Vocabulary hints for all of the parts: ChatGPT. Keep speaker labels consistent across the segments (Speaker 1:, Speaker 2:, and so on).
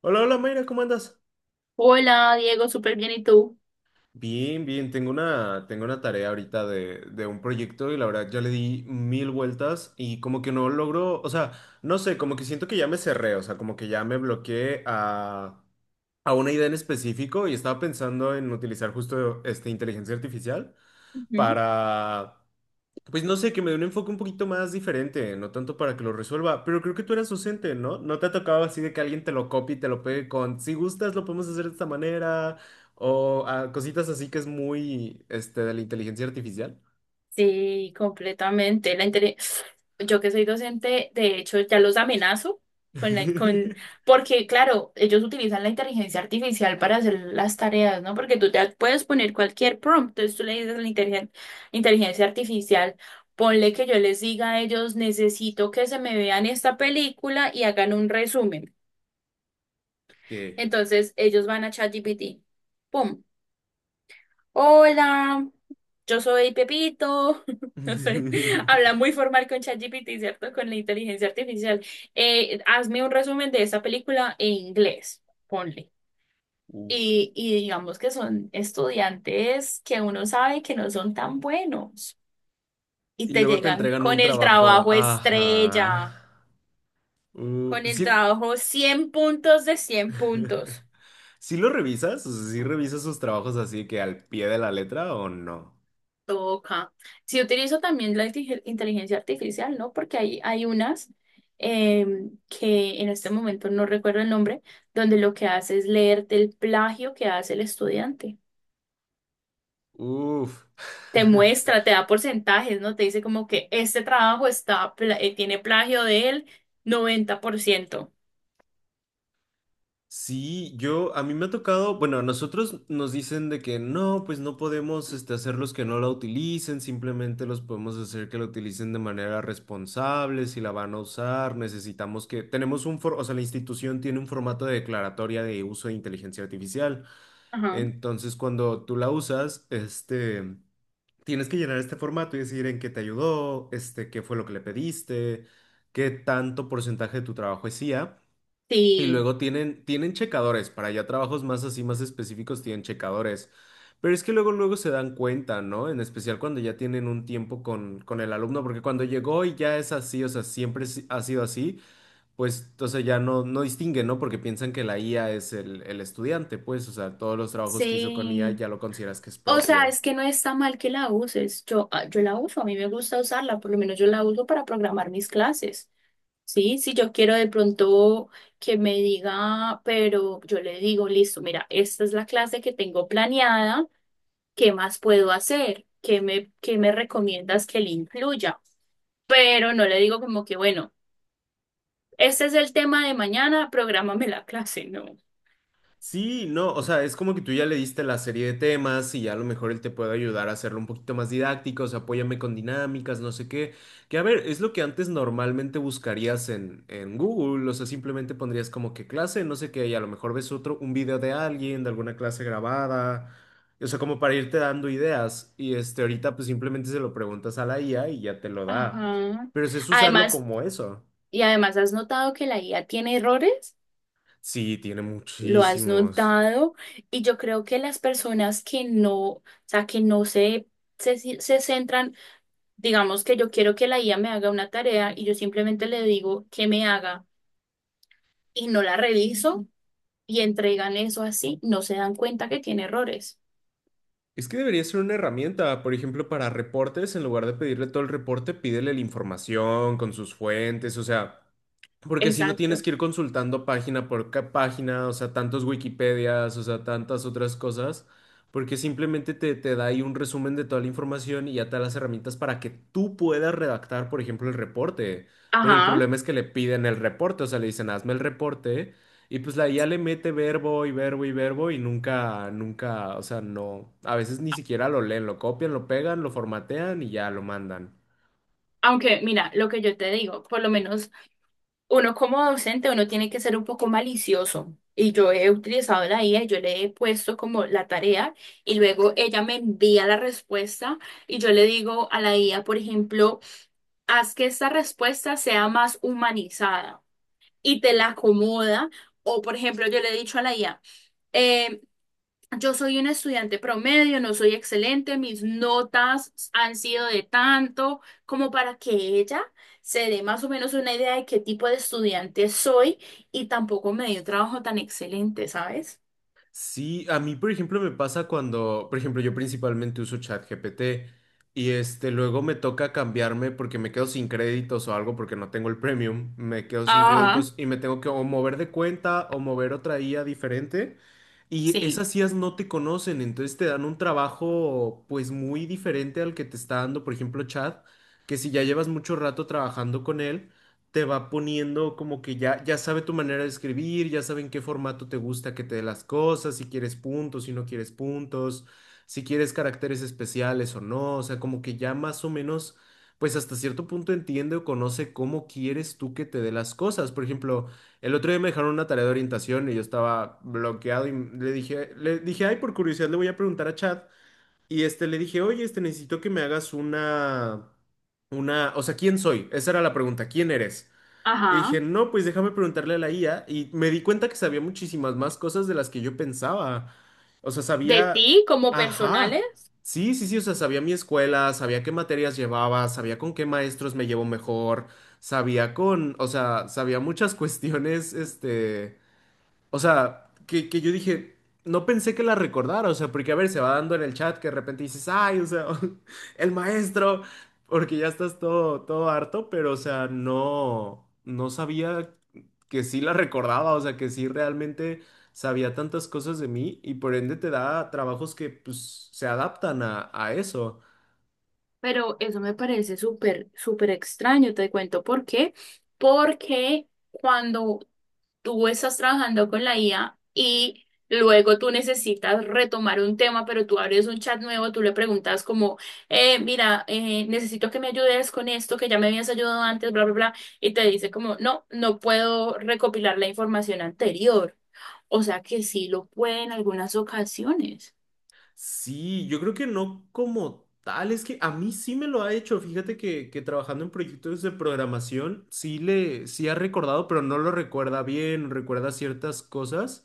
Speaker 1: Hola, hola Mayra, ¿cómo andas?
Speaker 2: Hola, Diego, súper bien, ¿y tú?
Speaker 1: Bien, bien, tengo una tarea ahorita de un proyecto y la verdad ya le di mil vueltas y como que no logro, o sea, no sé, como que siento que ya me cerré, o sea, como que ya me bloqueé a una idea en específico y estaba pensando en utilizar justo inteligencia artificial
Speaker 2: Ujú.
Speaker 1: para. Pues no sé, que me dé un enfoque un poquito más diferente, no tanto para que lo resuelva, pero creo que tú eras docente, ¿no? ¿No te ha tocado así de que alguien te lo copie y te lo pegue con, si gustas, lo podemos hacer de esta manera, o ah, cositas así que es muy, de la inteligencia artificial?
Speaker 2: Sí, completamente. Yo que soy docente, de hecho, ya los amenazo con porque, claro, ellos utilizan la inteligencia artificial para hacer las tareas, ¿no? Porque tú te puedes poner cualquier prompt, entonces tú le dices a la inteligencia artificial, ponle que yo les diga a ellos, necesito que se me vean esta película y hagan un resumen.
Speaker 1: ¿Qué?
Speaker 2: Entonces, ellos van a ChatGPT. ¡Pum! Hola, yo soy Pepito. No sé, habla muy formal con ChatGPT, ¿cierto? Con la inteligencia artificial. Hazme un resumen de esta película en inglés, ponle.
Speaker 1: uh,
Speaker 2: Y digamos que son estudiantes que uno sabe que no son tan buenos y
Speaker 1: Y
Speaker 2: te
Speaker 1: luego te
Speaker 2: llegan
Speaker 1: entregan un
Speaker 2: con el
Speaker 1: trabajo.
Speaker 2: trabajo estrella,
Speaker 1: Ajá.
Speaker 2: con el
Speaker 1: Sí,
Speaker 2: trabajo 100 puntos de 100 puntos.
Speaker 1: ¿sí lo revisas? O sea, ¿sí revisas sus trabajos así que al pie de la letra o no?
Speaker 2: Toca. Si utilizo también la inteligencia artificial, ¿no? Porque hay unas que en este momento no recuerdo el nombre, donde lo que hace es leerte el plagio que hace el estudiante.
Speaker 1: Uf.
Speaker 2: Te muestra, te da porcentajes, ¿no? Te dice como que este trabajo está, tiene plagio del 90%.
Speaker 1: Sí, yo, a mí me ha tocado, bueno, a nosotros nos dicen de que no, pues no podemos hacerlos que no la utilicen, simplemente los podemos hacer que la utilicen de manera responsable, si la van a usar, necesitamos que, tenemos un, o sea, la institución tiene un formato de declaratoria de uso de inteligencia artificial,
Speaker 2: Ajá.
Speaker 1: entonces cuando tú la usas, tienes que llenar este formato y decir en qué te ayudó, qué fue lo que le pediste, qué tanto porcentaje de tu trabajo es IA. Y
Speaker 2: Sí,
Speaker 1: luego tienen checadores, para ya trabajos más así, más específicos, tienen checadores. Pero es que luego, luego se dan cuenta, ¿no? En especial cuando ya tienen un tiempo con el alumno, porque cuando llegó y ya es así, o sea, siempre ha sido así, pues entonces ya no, no distinguen, ¿no? Porque piensan que la IA es el estudiante, pues, o sea, todos los trabajos que hizo con IA
Speaker 2: sí.
Speaker 1: ya lo consideras que es
Speaker 2: O sea,
Speaker 1: propio.
Speaker 2: es que no está mal que la uses. Yo, yo la uso, a mí me gusta usarla, por lo menos yo la uso para programar mis clases. Sí, si yo quiero de pronto que me diga, pero yo le digo, listo, mira, esta es la clase que tengo planeada, ¿qué más puedo hacer? Qué me recomiendas que le incluya? Pero no le digo como que, bueno, este es el tema de mañana, prográmame la clase, no.
Speaker 1: Sí, no, o sea, es como que tú ya le diste la serie de temas y ya a lo mejor él te puede ayudar a hacerlo un poquito más didáctico, o sea, apóyame con dinámicas, no sé qué. Que a ver, es lo que antes normalmente buscarías en Google, o sea, simplemente pondrías como que clase, no sé qué, y a lo mejor ves otro, un video de alguien, de alguna clase grabada, o sea, como para irte dando ideas. Y ahorita pues simplemente se lo preguntas a la IA y ya te lo da.
Speaker 2: Ajá.
Speaker 1: Pero es usarlo
Speaker 2: Además,
Speaker 1: como eso.
Speaker 2: y además, ¿has notado que la IA tiene errores?
Speaker 1: Sí, tiene
Speaker 2: Lo has
Speaker 1: muchísimos.
Speaker 2: notado y yo creo que las personas que no, o sea, que no se centran. Digamos que yo quiero que la IA me haga una tarea y yo simplemente le digo que me haga y no la reviso y entregan eso así, no se dan cuenta que tiene errores.
Speaker 1: Es que debería ser una herramienta, por ejemplo, para reportes, en lugar de pedirle todo el reporte, pídele la información con sus fuentes, o sea, porque si no tienes
Speaker 2: Exacto.
Speaker 1: que ir consultando página por página, o sea, tantos Wikipedias, o sea, tantas otras cosas, porque simplemente te da ahí un resumen de toda la información y ya te da las herramientas para que tú puedas redactar, por ejemplo, el reporte. Pero el
Speaker 2: Ajá.
Speaker 1: problema es que le piden el reporte, o sea, le dicen, hazme el reporte, y pues la IA le mete verbo y verbo y verbo y nunca, nunca, o sea, no, a veces ni siquiera lo leen, lo copian, lo pegan, lo formatean y ya lo mandan.
Speaker 2: Aunque mira, lo que yo te digo, por lo menos uno como docente, uno tiene que ser un poco malicioso. Y yo he utilizado la IA, y yo le he puesto como la tarea y luego ella me envía la respuesta y yo le digo a la IA, por ejemplo, haz que esta respuesta sea más humanizada, y te la acomoda. O, por ejemplo, yo le he dicho a la IA, eh, yo soy un estudiante promedio, no soy excelente, mis notas han sido de tanto, como para que ella se dé más o menos una idea de qué tipo de estudiante soy y tampoco me dio un trabajo tan excelente, ¿sabes?
Speaker 1: Sí, a mí, por ejemplo, me pasa cuando, por ejemplo, yo principalmente uso ChatGPT y luego me toca cambiarme porque me quedo sin créditos o algo porque no tengo el premium, me quedo sin
Speaker 2: Ajá,
Speaker 1: créditos y me tengo que o mover de cuenta o mover otra IA diferente y
Speaker 2: sí.
Speaker 1: esas IAs no te conocen, entonces te dan un trabajo pues muy diferente al que te está dando, por ejemplo, Chat, que si ya llevas mucho rato trabajando con él te va poniendo como que ya, ya sabe tu manera de escribir, ya sabe en qué formato te gusta que te dé las cosas, si quieres puntos, si no quieres puntos, si quieres caracteres especiales o no, o sea, como que ya más o menos, pues hasta cierto punto entiende o conoce cómo quieres tú que te dé las cosas. Por ejemplo, el otro día me dejaron una tarea de orientación y yo estaba bloqueado y le dije, ay, por curiosidad le voy a preguntar a Chad. Y le dije, oye, necesito que me hagas una, o sea, ¿quién soy? Esa era la pregunta, ¿quién eres? Y
Speaker 2: Ajá.
Speaker 1: dije, no, pues déjame preguntarle a la IA. Y me di cuenta que sabía muchísimas más cosas de las que yo pensaba. O sea,
Speaker 2: ¿De
Speaker 1: sabía,
Speaker 2: ti como
Speaker 1: ajá,
Speaker 2: personales?
Speaker 1: sí, sí, sí, o sea, sabía mi escuela, sabía qué materias llevaba, sabía con qué maestros me llevo mejor, sabía con, o sea, sabía muchas cuestiones. O sea, que yo dije, no pensé que la recordara, o sea, porque a ver, se va dando en el chat que de repente dices, ay, o sea, el maestro, porque ya estás todo, todo harto, pero o sea, no, no sabía que sí la recordaba, o sea, que sí realmente sabía tantas cosas de mí y por ende te da trabajos que pues se adaptan a eso.
Speaker 2: Pero eso me parece súper, súper extraño, te cuento por qué. Porque cuando tú estás trabajando con la IA y luego tú necesitas retomar un tema, pero tú abres un chat nuevo, tú le preguntas como, necesito que me ayudes con esto, que ya me habías ayudado antes, bla, bla, bla, y te dice como, no, no puedo recopilar la información anterior. O sea que sí lo puede en algunas ocasiones.
Speaker 1: Sí, yo creo que no como tal, es que a mí sí me lo ha hecho, fíjate que trabajando en proyectos de programación sí ha recordado, pero no lo recuerda bien, recuerda ciertas cosas.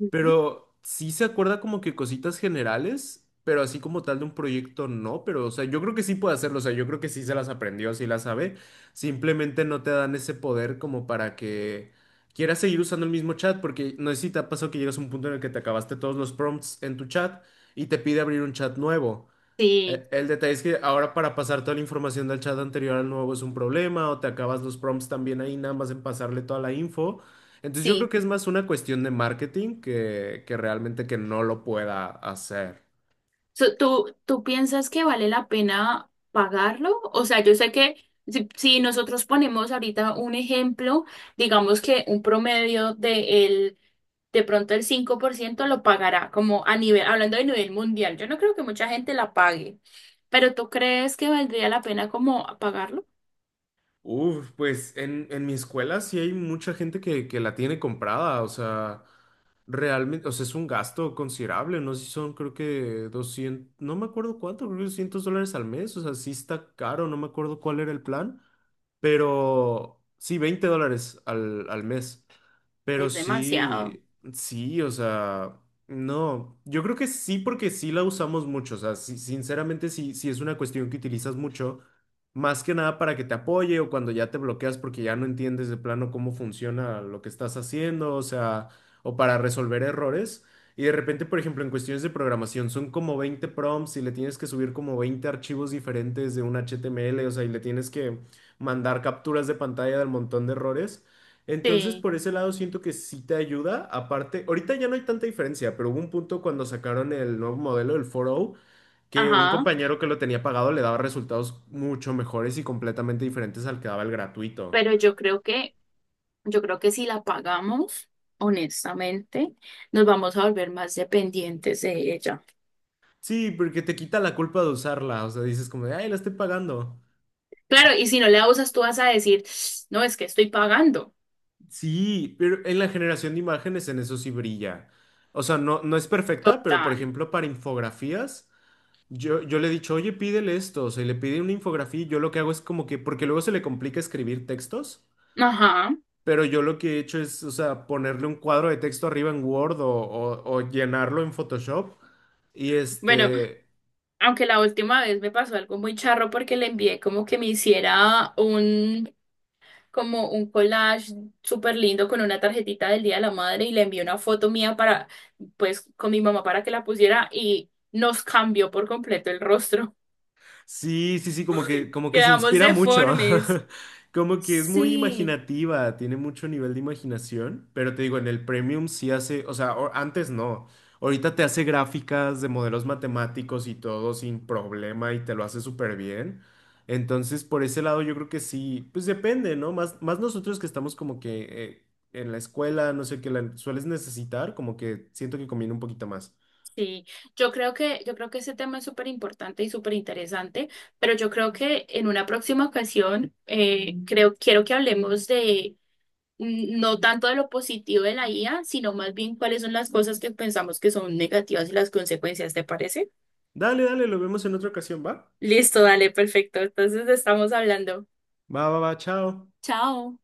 Speaker 2: Ujú.
Speaker 1: Pero sí se acuerda como que cositas generales, pero así como tal de un proyecto no, pero o sea, yo creo que sí puede hacerlo, o sea, yo creo que sí se las aprendió, sí las sabe, simplemente no te dan ese poder como para que quieras seguir usando el mismo chat, porque no sé si te ha pasado que llegas a un punto en el que te acabaste todos los prompts en tu chat y te pide abrir un chat nuevo.
Speaker 2: Sí.
Speaker 1: El detalle es que ahora para pasar toda la información del chat anterior al nuevo es un problema, o te acabas los prompts también ahí, nada más en pasarle toda la info. Entonces yo creo
Speaker 2: Sí.
Speaker 1: que es más una cuestión de marketing que realmente que no lo pueda hacer.
Speaker 2: So, tú piensas que vale la pena pagarlo? O sea, yo sé que si nosotros ponemos ahorita un ejemplo, digamos que un promedio de el, de pronto el 5% lo pagará, como a nivel, hablando de nivel mundial. Yo no creo que mucha gente la pague, pero ¿tú crees que valdría la pena como pagarlo?
Speaker 1: Uf, pues en mi escuela sí hay mucha gente que la tiene comprada, o sea. Realmente, o sea, es un gasto considerable, no sé si son, creo que 200 no me acuerdo cuánto, creo que $200 al mes, o sea, sí está caro, no me acuerdo cuál era el plan, pero sí, $20 al mes. Pero
Speaker 2: Es demasiado.
Speaker 1: sí, sí, o sea, no, yo creo que sí porque sí la usamos mucho, o sea, sinceramente sí, sí es una cuestión que utilizas mucho, más que nada para que te apoye o cuando ya te bloqueas porque ya no entiendes de plano cómo funciona lo que estás haciendo, o sea, o para resolver errores. Y de repente, por ejemplo, en cuestiones de programación son como 20 prompts y le tienes que subir como 20 archivos diferentes de un HTML, o sea, y le tienes que mandar capturas de pantalla del montón de errores. Entonces,
Speaker 2: Sí,
Speaker 1: por ese lado siento que sí te ayuda. Aparte, ahorita ya no hay tanta diferencia, pero hubo un punto cuando sacaron el nuevo modelo, el 4.0, que un
Speaker 2: ajá,
Speaker 1: compañero que lo tenía pagado le daba resultados mucho mejores y completamente diferentes al que daba el gratuito.
Speaker 2: pero yo creo que si la pagamos, honestamente, nos vamos a volver más dependientes de ella.
Speaker 1: Sí, porque te quita la culpa de usarla. O sea, dices como de, ay, la estoy pagando.
Speaker 2: Claro,
Speaker 1: Ah.
Speaker 2: y si no la usas, tú vas a decir, no, es que estoy pagando.
Speaker 1: Sí, pero en la generación de imágenes en eso sí brilla. O sea, no, no es perfecta, pero por
Speaker 2: Total.
Speaker 1: ejemplo, para infografías. Yo le he dicho, oye, pídele esto, o sea, y le pide una infografía, y yo lo que hago es como que, porque luego se le complica escribir textos,
Speaker 2: Ajá.
Speaker 1: pero yo lo que he hecho es, o sea, ponerle un cuadro de texto arriba en Word o llenarlo en Photoshop, y
Speaker 2: Bueno,
Speaker 1: este,
Speaker 2: aunque la última vez me pasó algo muy charro porque le envié como que me hiciera un, como un collage súper lindo con una tarjetita del Día de la Madre y le envié una foto mía para, pues, con mi mamá para que la pusiera y nos cambió por completo el rostro.
Speaker 1: Sí, sí, sí, como que, como que se
Speaker 2: Quedamos
Speaker 1: inspira mucho.
Speaker 2: deformes.
Speaker 1: Como que es muy
Speaker 2: Sí.
Speaker 1: imaginativa, tiene mucho nivel de imaginación, pero te digo, en el Premium sí hace, o sea, antes no. Ahorita te hace gráficas de modelos matemáticos y todo sin problema y te lo hace súper bien. Entonces, por ese lado yo creo que sí, pues depende, ¿no? Más, más nosotros que estamos como que en la escuela, no sé, que la sueles necesitar, como que siento que conviene un poquito más.
Speaker 2: Sí, yo creo que ese tema es súper importante y súper interesante, pero yo creo que en una próxima ocasión, creo, quiero que hablemos de no tanto de lo positivo de la IA, sino más bien cuáles son las cosas que pensamos que son negativas y las consecuencias, ¿te parece?
Speaker 1: Dale, dale, lo vemos en otra ocasión, ¿va?
Speaker 2: Listo, dale, perfecto. Entonces estamos hablando.
Speaker 1: Va, va, va, chao.
Speaker 2: Chao.